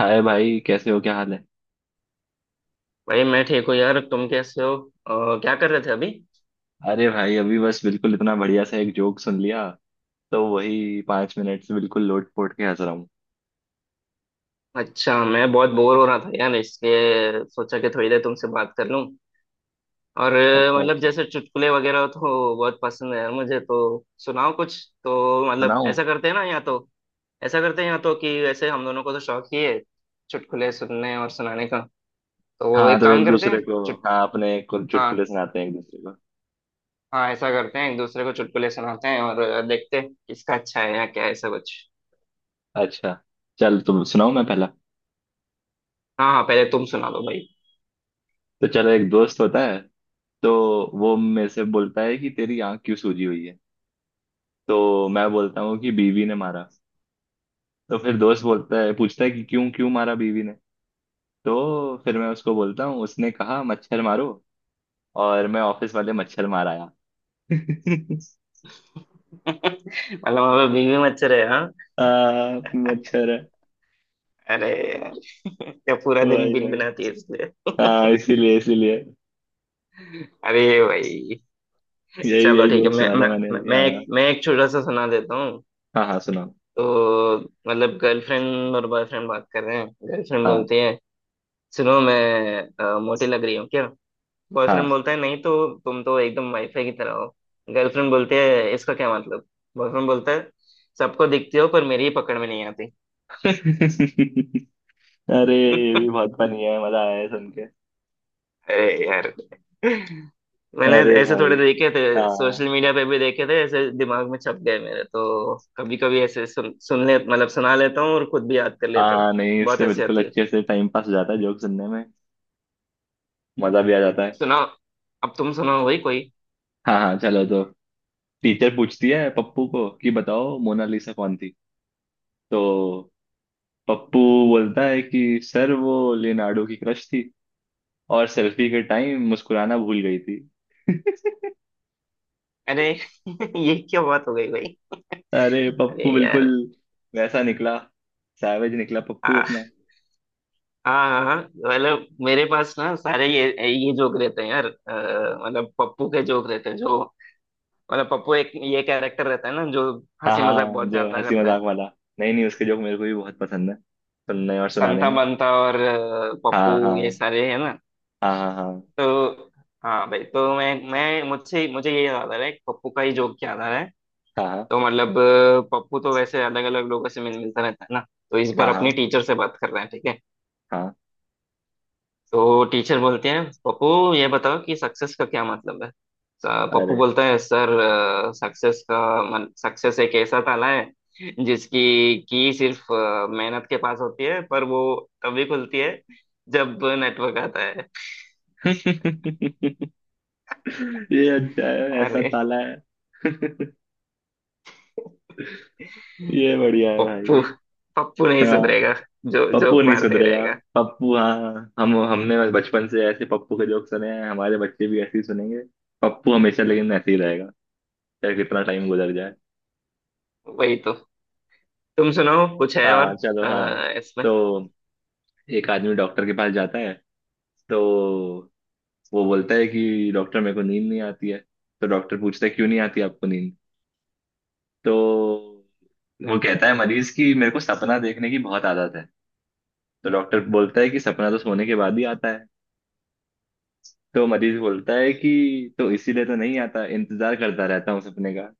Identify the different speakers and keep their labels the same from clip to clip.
Speaker 1: हाय भाई, कैसे हो? क्या हाल है?
Speaker 2: भाई मैं ठीक हूँ यार। तुम कैसे हो? क्या कर रहे थे अभी?
Speaker 1: अरे भाई अभी बस बिल्कुल इतना बढ़िया सा एक जोक सुन लिया। तो वही 5 मिनट से बिल्कुल लोट पोट के हंस रहा हूँ।
Speaker 2: अच्छा, मैं बहुत बोर हो रहा था यार, इसलिए सोचा कि थोड़ी देर तुमसे बात कर लूँ। और
Speaker 1: अच्छा
Speaker 2: मतलब
Speaker 1: अच्छा,
Speaker 2: जैसे चुटकुले वगैरह तो बहुत पसंद है यार मुझे, तो सुनाओ कुछ। तो मतलब
Speaker 1: सुनाऊं?
Speaker 2: ऐसा करते हैं ना, या तो ऐसा करते हैं, या तो कि वैसे हम दोनों को तो शौक ही है चुटकुले सुनने और सुनाने का। तो वो
Speaker 1: हाँ
Speaker 2: एक
Speaker 1: तो एक
Speaker 2: काम करते
Speaker 1: दूसरे
Speaker 2: हैं
Speaker 1: को।
Speaker 2: चुट
Speaker 1: हाँ अपने को चुटकुले
Speaker 2: हाँ
Speaker 1: सुनाते हैं एक दूसरे को।
Speaker 2: हाँ, ऐसा करते हैं एक दूसरे को चुटकुले सुनाते हैं, और देखते हैं किसका अच्छा है या क्या है, ऐसा कुछ।
Speaker 1: अच्छा, चल तुम सुनाओ, मैं पहला।
Speaker 2: हाँ हाँ, पहले तुम सुना दो भाई।
Speaker 1: तो चलो, एक दोस्त होता है। तो वो मेरे से बोलता है कि तेरी आंख क्यों सूजी हुई है। तो मैं बोलता हूँ कि बीवी ने मारा। तो फिर दोस्त बोलता है, पूछता है कि क्यों क्यों मारा बीवी ने। तो फिर मैं उसको बोलता हूँ, उसने कहा मच्छर मारो और मैं ऑफिस वाले मच्छर मार आया।
Speaker 2: मतलब हमें बीवी मत रहे हैं, हाँ।
Speaker 1: आ, मच्छर है।
Speaker 2: अरे यार, क्या पूरा दिन
Speaker 1: भाई
Speaker 2: बिन
Speaker 1: भाई
Speaker 2: बनाती है इसलिए।
Speaker 1: हाँ इसीलिए इसीलिए।
Speaker 2: अरे भाई।
Speaker 1: यही
Speaker 2: चलो
Speaker 1: यही
Speaker 2: ठीक है,
Speaker 1: जोक
Speaker 2: मैं
Speaker 1: सुना था
Speaker 2: मैं
Speaker 1: मैंने
Speaker 2: मैं
Speaker 1: अभी,
Speaker 2: मैं
Speaker 1: हाँ
Speaker 2: एक मैं एक छोटा सा सुना देता हूँ।
Speaker 1: हाँ हाँ, सुना।
Speaker 2: तो मतलब गर्लफ्रेंड और बॉयफ्रेंड बात कर रहे हैं। गर्लफ्रेंड
Speaker 1: हाँ
Speaker 2: बोलती है सुनो, मैं मोटी लग रही हूँ क्या?
Speaker 1: हाँ
Speaker 2: बॉयफ्रेंड बोलता है नहीं तो, तुम तो एकदम वाईफाई की तरह हो। गर्लफ्रेंड बोलती है इसका क्या मतलब? बॉयफ्रेंड बोलता है सबको दिखती हो, पर मेरी ही पकड़ में नहीं आती।
Speaker 1: अरे ये भी बहुत फनी है, मजा आया है सुन के।
Speaker 2: अरे यार, मैंने
Speaker 1: अरे
Speaker 2: ऐसे
Speaker 1: भाई।
Speaker 2: थोड़े देखे थे।
Speaker 1: हाँ।
Speaker 2: सोशल मीडिया पे भी देखे थे, ऐसे दिमाग में छप गए मेरे तो। कभी कभी ऐसे सुन सुन ले, मतलब सुना लेता हूँ, और खुद भी याद कर लेता
Speaker 1: हाँ
Speaker 2: हूँ।
Speaker 1: नहीं,
Speaker 2: बहुत
Speaker 1: इससे
Speaker 2: हंसी
Speaker 1: बिल्कुल
Speaker 2: आती है।
Speaker 1: अच्छे से टाइम पास हो जाता है जोक सुनने में। मजा भी आ जाता है।
Speaker 2: सुनाओ, अब तुम सुनाओ भाई कोई।
Speaker 1: हाँ हाँ, चलो तो। टीचर पूछती है पप्पू को कि बताओ मोनालिसा कौन थी। तो पप्पू बोलता है कि सर, वो लियोनार्डो की क्रश थी और सेल्फी के टाइम मुस्कुराना भूल गई थी।
Speaker 2: अरे ये क्या बात हो गई भाई?
Speaker 1: अरे
Speaker 2: अरे
Speaker 1: पप्पू बिल्कुल
Speaker 2: यार।
Speaker 1: वैसा निकला। सैवेज निकला पप्पू
Speaker 2: हाँ
Speaker 1: अपना।
Speaker 2: हाँ हाँ हाँ, मतलब मेरे पास ना सारे ये जोक रहते हैं यार। मतलब पप्पू के जोक रहते हैं जो। मतलब पप्पू एक ये कैरेक्टर रहता है ना, जो
Speaker 1: हाँ
Speaker 2: हंसी मजाक
Speaker 1: हाँ
Speaker 2: बहुत
Speaker 1: जो
Speaker 2: ज्यादा
Speaker 1: हंसी
Speaker 2: करता है।
Speaker 1: मजाक वाला। नहीं नहीं, उसके जोक मेरे को भी बहुत पसंद है सुनने और सुनाने
Speaker 2: संता
Speaker 1: में।
Speaker 2: बंता और
Speaker 1: हाँ हाँ
Speaker 2: पप्पू, ये सारे है ना।
Speaker 1: हाँ हाँ
Speaker 2: तो हाँ भाई, तो मैं मुझसे मुझे ये याद आ रहा है, पप्पू का ही जोक याद आ रहा है।
Speaker 1: हाँ।
Speaker 2: तो मतलब पप्पू तो वैसे अलग अलग लोगों से मिलता रहता है ना। तो इस बार
Speaker 1: हाँ हाँ। हाँ
Speaker 2: अपनी टीचर से बात कर रहे हैं, ठीक है।
Speaker 1: हाँ,
Speaker 2: तो टीचर बोलते हैं पप्पू, ये बताओ कि सक्सेस का क्या मतलब है। पप्पू
Speaker 1: अरे
Speaker 2: बोलता है सर, सक्सेस का मन सक्सेस एक ऐसा ताला है जिसकी की सिर्फ मेहनत के पास होती है, पर वो तभी खुलती है जब नेटवर्क आता है।
Speaker 1: ये अच्छा है, ऐसा
Speaker 2: अरे
Speaker 1: ताला है। ये बढ़िया है
Speaker 2: पप्पू,
Speaker 1: भाई।
Speaker 2: पप्पू नहीं
Speaker 1: हाँ।
Speaker 2: सुधरेगा, जो
Speaker 1: पप्पू
Speaker 2: जोक
Speaker 1: नहीं
Speaker 2: मारते ही
Speaker 1: सुधरेगा।
Speaker 2: रहेगा।
Speaker 1: पप्पू, हाँ। हम हमने बस बचपन से ऐसे पप्पू के जोक सुने हैं, हमारे बच्चे भी ऐसे ही सुनेंगे। पप्पू हमेशा लेकिन ऐसे ही रहेगा, चाहे कितना टाइम गुजर जाए।
Speaker 2: वही तो। तुम सुनाओ कुछ है और।
Speaker 1: हाँ, चलो हाँ।
Speaker 2: इसमें
Speaker 1: तो एक आदमी डॉक्टर के पास जाता है। तो वो बोलता है कि डॉक्टर, मेरे को नींद नहीं आती है। तो डॉक्टर पूछता है क्यों नहीं आती आपको नींद। तो वो कहता है, मरीज की, मेरे को सपना देखने की बहुत आदत है। तो डॉक्टर बोलता है कि सपना तो सोने के बाद ही आता है। तो मरीज बोलता है कि तो इसीलिए तो नहीं आता, इंतजार करता रहता हूँ सपने का।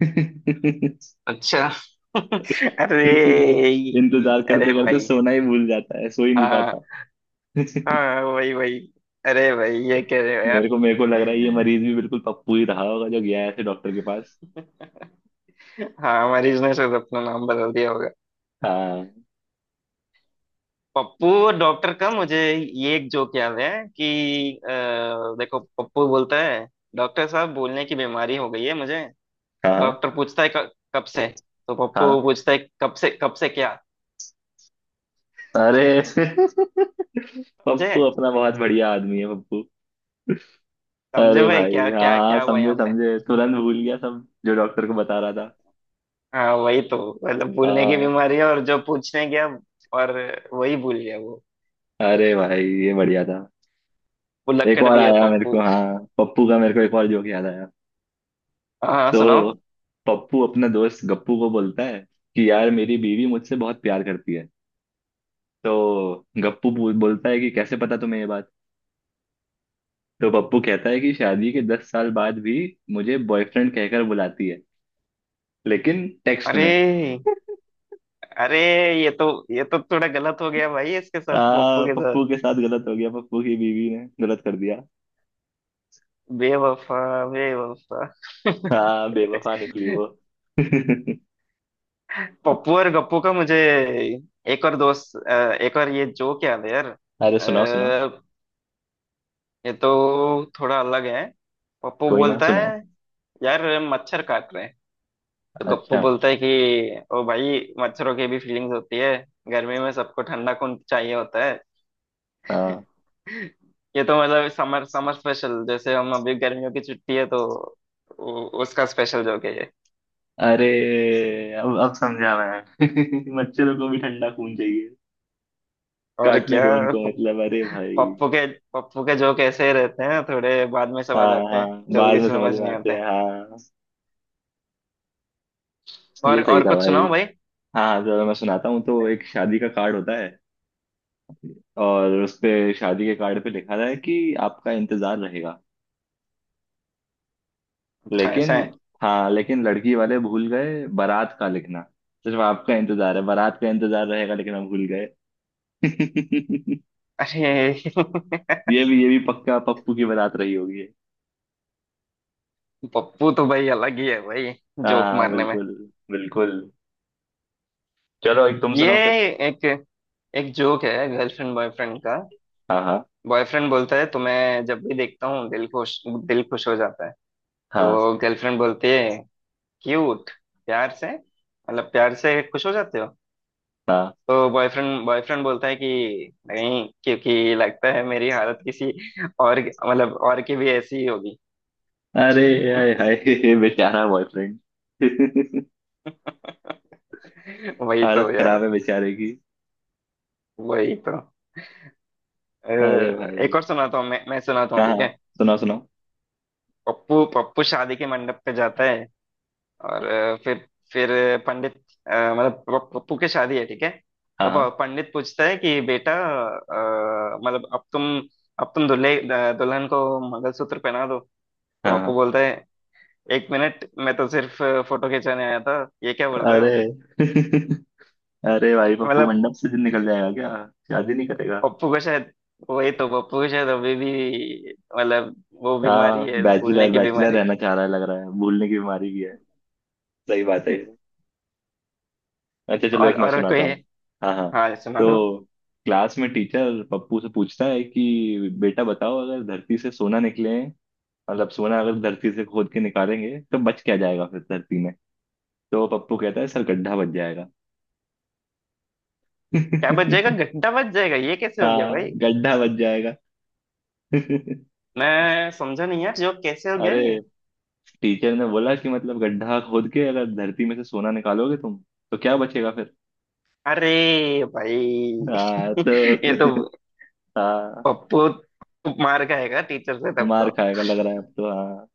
Speaker 2: अच्छा। अरे।
Speaker 1: इसीलिए इंतजार
Speaker 2: अरे
Speaker 1: करते करते
Speaker 2: भाई।
Speaker 1: सोना ही भूल जाता है, सो ही नहीं पाता।
Speaker 2: हाँ हाँ, वही वही। अरे भाई ये कह रहे हो
Speaker 1: मेरे को लग रहा है ये
Speaker 2: यार?
Speaker 1: मरीज भी बिल्कुल पप्पू ही रहा होगा जो गया है ऐसे डॉक्टर के पास।
Speaker 2: हाँ, मरीज ने शायद अपना नाम बदल दिया होगा।
Speaker 1: हाँ
Speaker 2: पप्पू और डॉक्टर का मुझे ये एक जोक याद है कि अ, देखो, पप्पू बोलता है डॉक्टर साहब, बोलने की बीमारी हो गई है मुझे।
Speaker 1: हाँ
Speaker 2: डॉक्टर पूछता है कब से? तो पप्पू
Speaker 1: हाँ
Speaker 2: पूछता है कब से? कब से क्या?
Speaker 1: अरे
Speaker 2: समझे?
Speaker 1: पप्पू अपना बहुत बढ़िया आदमी है, पप्पू।
Speaker 2: समझे
Speaker 1: अरे
Speaker 2: भाई?
Speaker 1: भाई,
Speaker 2: क्या
Speaker 1: हाँ
Speaker 2: क्या
Speaker 1: हाँ,
Speaker 2: क्या हुआ
Speaker 1: समझे
Speaker 2: यहाँ पे?
Speaker 1: समझे, तुरंत भूल गया सब जो डॉक्टर को बता रहा था।
Speaker 2: हाँ, वही तो। मतलब भूलने की
Speaker 1: हाँ।
Speaker 2: बीमारी है, और जो पूछने गया और वही भूल गया वो।
Speaker 1: अरे भाई, ये बढ़िया था।
Speaker 2: वो
Speaker 1: एक
Speaker 2: लक्कड़
Speaker 1: और
Speaker 2: भी है
Speaker 1: आया मेरे
Speaker 2: पप्पू।
Speaker 1: को, हाँ, पप्पू का मेरे को एक और जोक याद आया।
Speaker 2: हाँ हाँ, सुनाओ।
Speaker 1: तो पप्पू अपने दोस्त गप्पू को बोलता है कि यार, मेरी बीवी मुझसे बहुत प्यार करती है। तो गप्पू बोलता है कि कैसे पता तुम्हें ये बात। तो पप्पू कहता है कि शादी के 10 साल बाद भी मुझे बॉयफ्रेंड कहकर बुलाती है, लेकिन टेक्स्ट में।
Speaker 2: अरे। अरे, ये तो थोड़ा गलत हो गया भाई, इसके साथ, पप्पू
Speaker 1: हाँ,
Speaker 2: के साथ।
Speaker 1: पप्पू के साथ गलत हो गया, पप्पू की बीवी ने गलत कर दिया।
Speaker 2: बेवफा, बेवफा।
Speaker 1: हाँ, बेवफा निकली वो।
Speaker 2: पप्पू और गप्पू का मुझे एक और दोस्त एक और ये जोक याद है यार।
Speaker 1: अरे सुनाओ सुनाओ,
Speaker 2: अ, ये तो थोड़ा अलग है। पप्पू
Speaker 1: कोई ना
Speaker 2: बोलता है
Speaker 1: सुनाओ।
Speaker 2: यार, मच्छर काट रहे हैं। तो गप्पू
Speaker 1: अच्छा।
Speaker 2: बोलता है कि ओ भाई, मच्छरों की भी फीलिंग्स होती है, गर्मी में सबको ठंडा खून चाहिए होता है।
Speaker 1: हाँ।
Speaker 2: ये तो मतलब समर समर स्पेशल, जैसे हम अभी गर्मियों की छुट्टी है तो उसका स्पेशल जोक है ये।
Speaker 1: अरे, अब समझा मैं। मच्छरों को भी ठंडा खून चाहिए,
Speaker 2: और
Speaker 1: काटने
Speaker 2: क्या।
Speaker 1: दो उनको,
Speaker 2: प-
Speaker 1: मतलब अरे भाई।
Speaker 2: पप्पू के पप्पू के जोक ऐसे ही रहते हैं, थोड़े बाद में समझ
Speaker 1: हाँ
Speaker 2: आते
Speaker 1: हाँ,
Speaker 2: हैं,
Speaker 1: बाद
Speaker 2: जल्दी से
Speaker 1: में समझ
Speaker 2: समझ
Speaker 1: में
Speaker 2: नहीं
Speaker 1: आते
Speaker 2: आते।
Speaker 1: हैं, हाँ।
Speaker 2: और
Speaker 1: ये सही
Speaker 2: और
Speaker 1: था
Speaker 2: कुछ
Speaker 1: भाई।
Speaker 2: सुनाओ भाई।
Speaker 1: हाँ जरा मैं सुनाता हूँ। तो एक शादी का कार्ड होता है और उस पे, शादी के कार्ड पे लिखा रहा है कि आपका इंतजार रहेगा,
Speaker 2: अच्छा,
Speaker 1: लेकिन,
Speaker 2: ऐसा है?
Speaker 1: हाँ, लेकिन लड़की वाले भूल गए बारात का लिखना। सिर्फ आपका इंतजार है, बारात का इंतजार रहेगा लेकिन हम भूल गए।
Speaker 2: अरे।
Speaker 1: ये भी पक्का पप्पू की बारात रही होगी।
Speaker 2: पप्पू तो भाई अलग ही है भाई, जोक
Speaker 1: हाँ
Speaker 2: मारने में।
Speaker 1: बिल्कुल। बिल्कुल। चलो, एक तुम
Speaker 2: ये
Speaker 1: सुनाओ फिर।
Speaker 2: एक एक जोक है गर्लफ्रेंड बॉयफ्रेंड का।
Speaker 1: हाँ हाँ।
Speaker 2: बॉयफ्रेंड बोलता है तुम्हें जब भी देखता हूँ दिल खुश, दिल खुश हो जाता है।
Speaker 1: हाँ
Speaker 2: तो गर्लफ्रेंड बोलती है क्यूट, प्यार से, मतलब प्यार से खुश हो जाते हो।
Speaker 1: हाँ
Speaker 2: तो बॉयफ्रेंड बॉयफ्रेंड बोलता है कि नहीं, क्योंकि लगता है मेरी हालत किसी और, मतलब और की भी ऐसी ही होगी।
Speaker 1: अरे, हाय हाय। बेचारा बॉयफ्रेंड।
Speaker 2: वही तो
Speaker 1: हालत
Speaker 2: यार।
Speaker 1: खराब है बेचारे की।
Speaker 2: वही तो। अ,
Speaker 1: अरे भाई।
Speaker 2: एक और सुनाता हूँ, मैं सुनाता हूँ,
Speaker 1: हाँ
Speaker 2: ठीक
Speaker 1: हाँ
Speaker 2: है।
Speaker 1: सुनाओ सुनाओ।
Speaker 2: पप्पू पप्पू शादी के मंडप पे जाता है, और फिर पंडित, मतलब पप्पू की शादी है, ठीक है।
Speaker 1: हाँ
Speaker 2: तो
Speaker 1: हाँ
Speaker 2: पंडित पूछता है कि बेटा, मतलब अब तुम दुल्हन को मंगलसूत्र पहना दो।
Speaker 1: हाँ
Speaker 2: तो पप्पू
Speaker 1: हाँ
Speaker 2: बोलता है एक मिनट, मैं तो सिर्फ फोटो खिंचाने आया था, ये क्या बोल रहे
Speaker 1: अरे
Speaker 2: हो?
Speaker 1: अरे भाई
Speaker 2: तो
Speaker 1: पप्पू
Speaker 2: मतलब
Speaker 1: मंडप से दिन निकल जाएगा क्या? शादी नहीं करेगा।
Speaker 2: पप्पू को शायद, वही तो, पप्पू को शायद अभी भी मतलब वो बीमारी
Speaker 1: हाँ,
Speaker 2: है भूलने
Speaker 1: बैचलर
Speaker 2: की
Speaker 1: बैचलर
Speaker 2: बीमारी।
Speaker 1: रहना चाह रहा है लग रहा है, भूलने की बीमारी भी है। सही बात है। अच्छा चलो,
Speaker 2: और
Speaker 1: एक मैं
Speaker 2: और कोई
Speaker 1: सुनाता
Speaker 2: है?
Speaker 1: हूँ। हाँ हाँ।
Speaker 2: हाँ, सुना दो।
Speaker 1: तो क्लास में टीचर पप्पू से पूछता है कि बेटा बताओ, अगर धरती से सोना निकले, मतलब सोना अगर धरती से खोद के निकालेंगे तो बच क्या जाएगा फिर धरती में। तो पप्पू कहता है, सर गड्ढा बच जाएगा।
Speaker 2: क्या बच जाएगा? घंटा बच जाएगा, ये कैसे हो गया
Speaker 1: हाँ
Speaker 2: भाई?
Speaker 1: गड्ढा बच जाएगा।
Speaker 2: मैं समझा नहीं यार, जो कैसे हो गया
Speaker 1: अरे,
Speaker 2: ये।
Speaker 1: टीचर ने बोला कि मतलब गड्ढा खोद के अगर धरती में से सोना निकालोगे तुम तो क्या बचेगा फिर।
Speaker 2: अरे भाई।
Speaker 1: हाँ
Speaker 2: ये तो
Speaker 1: तो हाँ
Speaker 2: पप्पू मार खाएगा टीचर से तब
Speaker 1: मार
Speaker 2: तो।
Speaker 1: खाएगा लग रहा है अब तो, हाँ।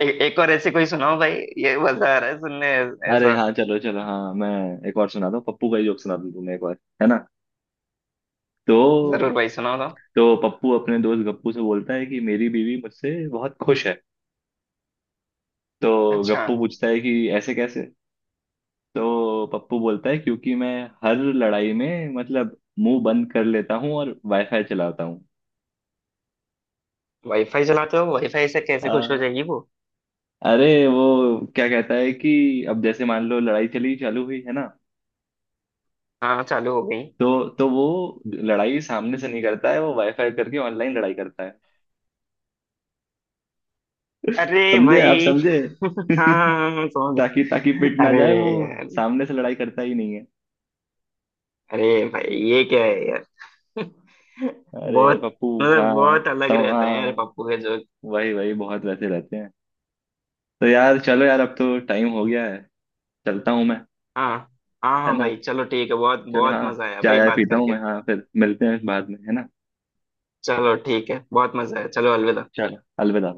Speaker 2: एक और ऐसी कोई सुनाओ भाई, ये मजा आ रहा है सुनने।
Speaker 1: अरे
Speaker 2: ऐसा।
Speaker 1: हाँ चलो चलो, हाँ, मैं एक और सुना दूं, पप्पू का ही जोक सुना दूं तुम्हें एक बार, है ना?
Speaker 2: जरूर
Speaker 1: तो
Speaker 2: भाई, सुनाओ तो।
Speaker 1: तो पप्पू अपने दोस्त गप्पू से बोलता है कि मेरी बीवी मुझसे बहुत खुश है। तो
Speaker 2: अच्छा।
Speaker 1: गप्पू पूछता है कि ऐसे कैसे। तो पप्पू बोलता है क्योंकि मैं हर लड़ाई में मतलब मुंह बंद कर लेता हूँ और वाईफाई चलाता हूँ।
Speaker 2: वाईफाई चलाते हो? वाईफाई से कैसे खुश हो
Speaker 1: हाँ,
Speaker 2: जाएगी वो?
Speaker 1: अरे वो क्या कहता है कि अब जैसे मान लो लड़ाई चली, चालू हुई है ना,
Speaker 2: हाँ, चालू हो गई।
Speaker 1: तो वो लड़ाई सामने से नहीं करता है, वो वाईफाई करके ऑनलाइन लड़ाई करता है।
Speaker 2: अरे
Speaker 1: समझे आप?
Speaker 2: भाई।
Speaker 1: समझे?
Speaker 2: हाँ, समझ।
Speaker 1: ताकि ताकि पिट ना
Speaker 2: अरे
Speaker 1: जाए वो,
Speaker 2: यार।
Speaker 1: सामने से लड़ाई करता ही नहीं है।
Speaker 2: अरे भाई, ये क्या है यार?
Speaker 1: अरे
Speaker 2: बहुत,
Speaker 1: पप्पू।
Speaker 2: मतलब
Speaker 1: हाँ
Speaker 2: बहुत अलग रहते हैं यार
Speaker 1: हाँ,
Speaker 2: पप्पू के जोक।
Speaker 1: वही वही बहुत वैसे रहते हैं। तो यार चलो यार, अब तो टाइम हो गया है, चलता हूँ मैं,
Speaker 2: हाँ हाँ
Speaker 1: है
Speaker 2: हाँ
Speaker 1: ना?
Speaker 2: भाई, चलो ठीक है, बहुत
Speaker 1: चलो
Speaker 2: बहुत
Speaker 1: हाँ,
Speaker 2: मजा आया
Speaker 1: चाय
Speaker 2: भाई
Speaker 1: आय
Speaker 2: बात
Speaker 1: पीता हूँ
Speaker 2: करके।
Speaker 1: मैं, हाँ फिर मिलते हैं बाद में, है ना?
Speaker 2: चलो ठीक है, बहुत मजा आया, चलो अलविदा।
Speaker 1: चलो अलविदा।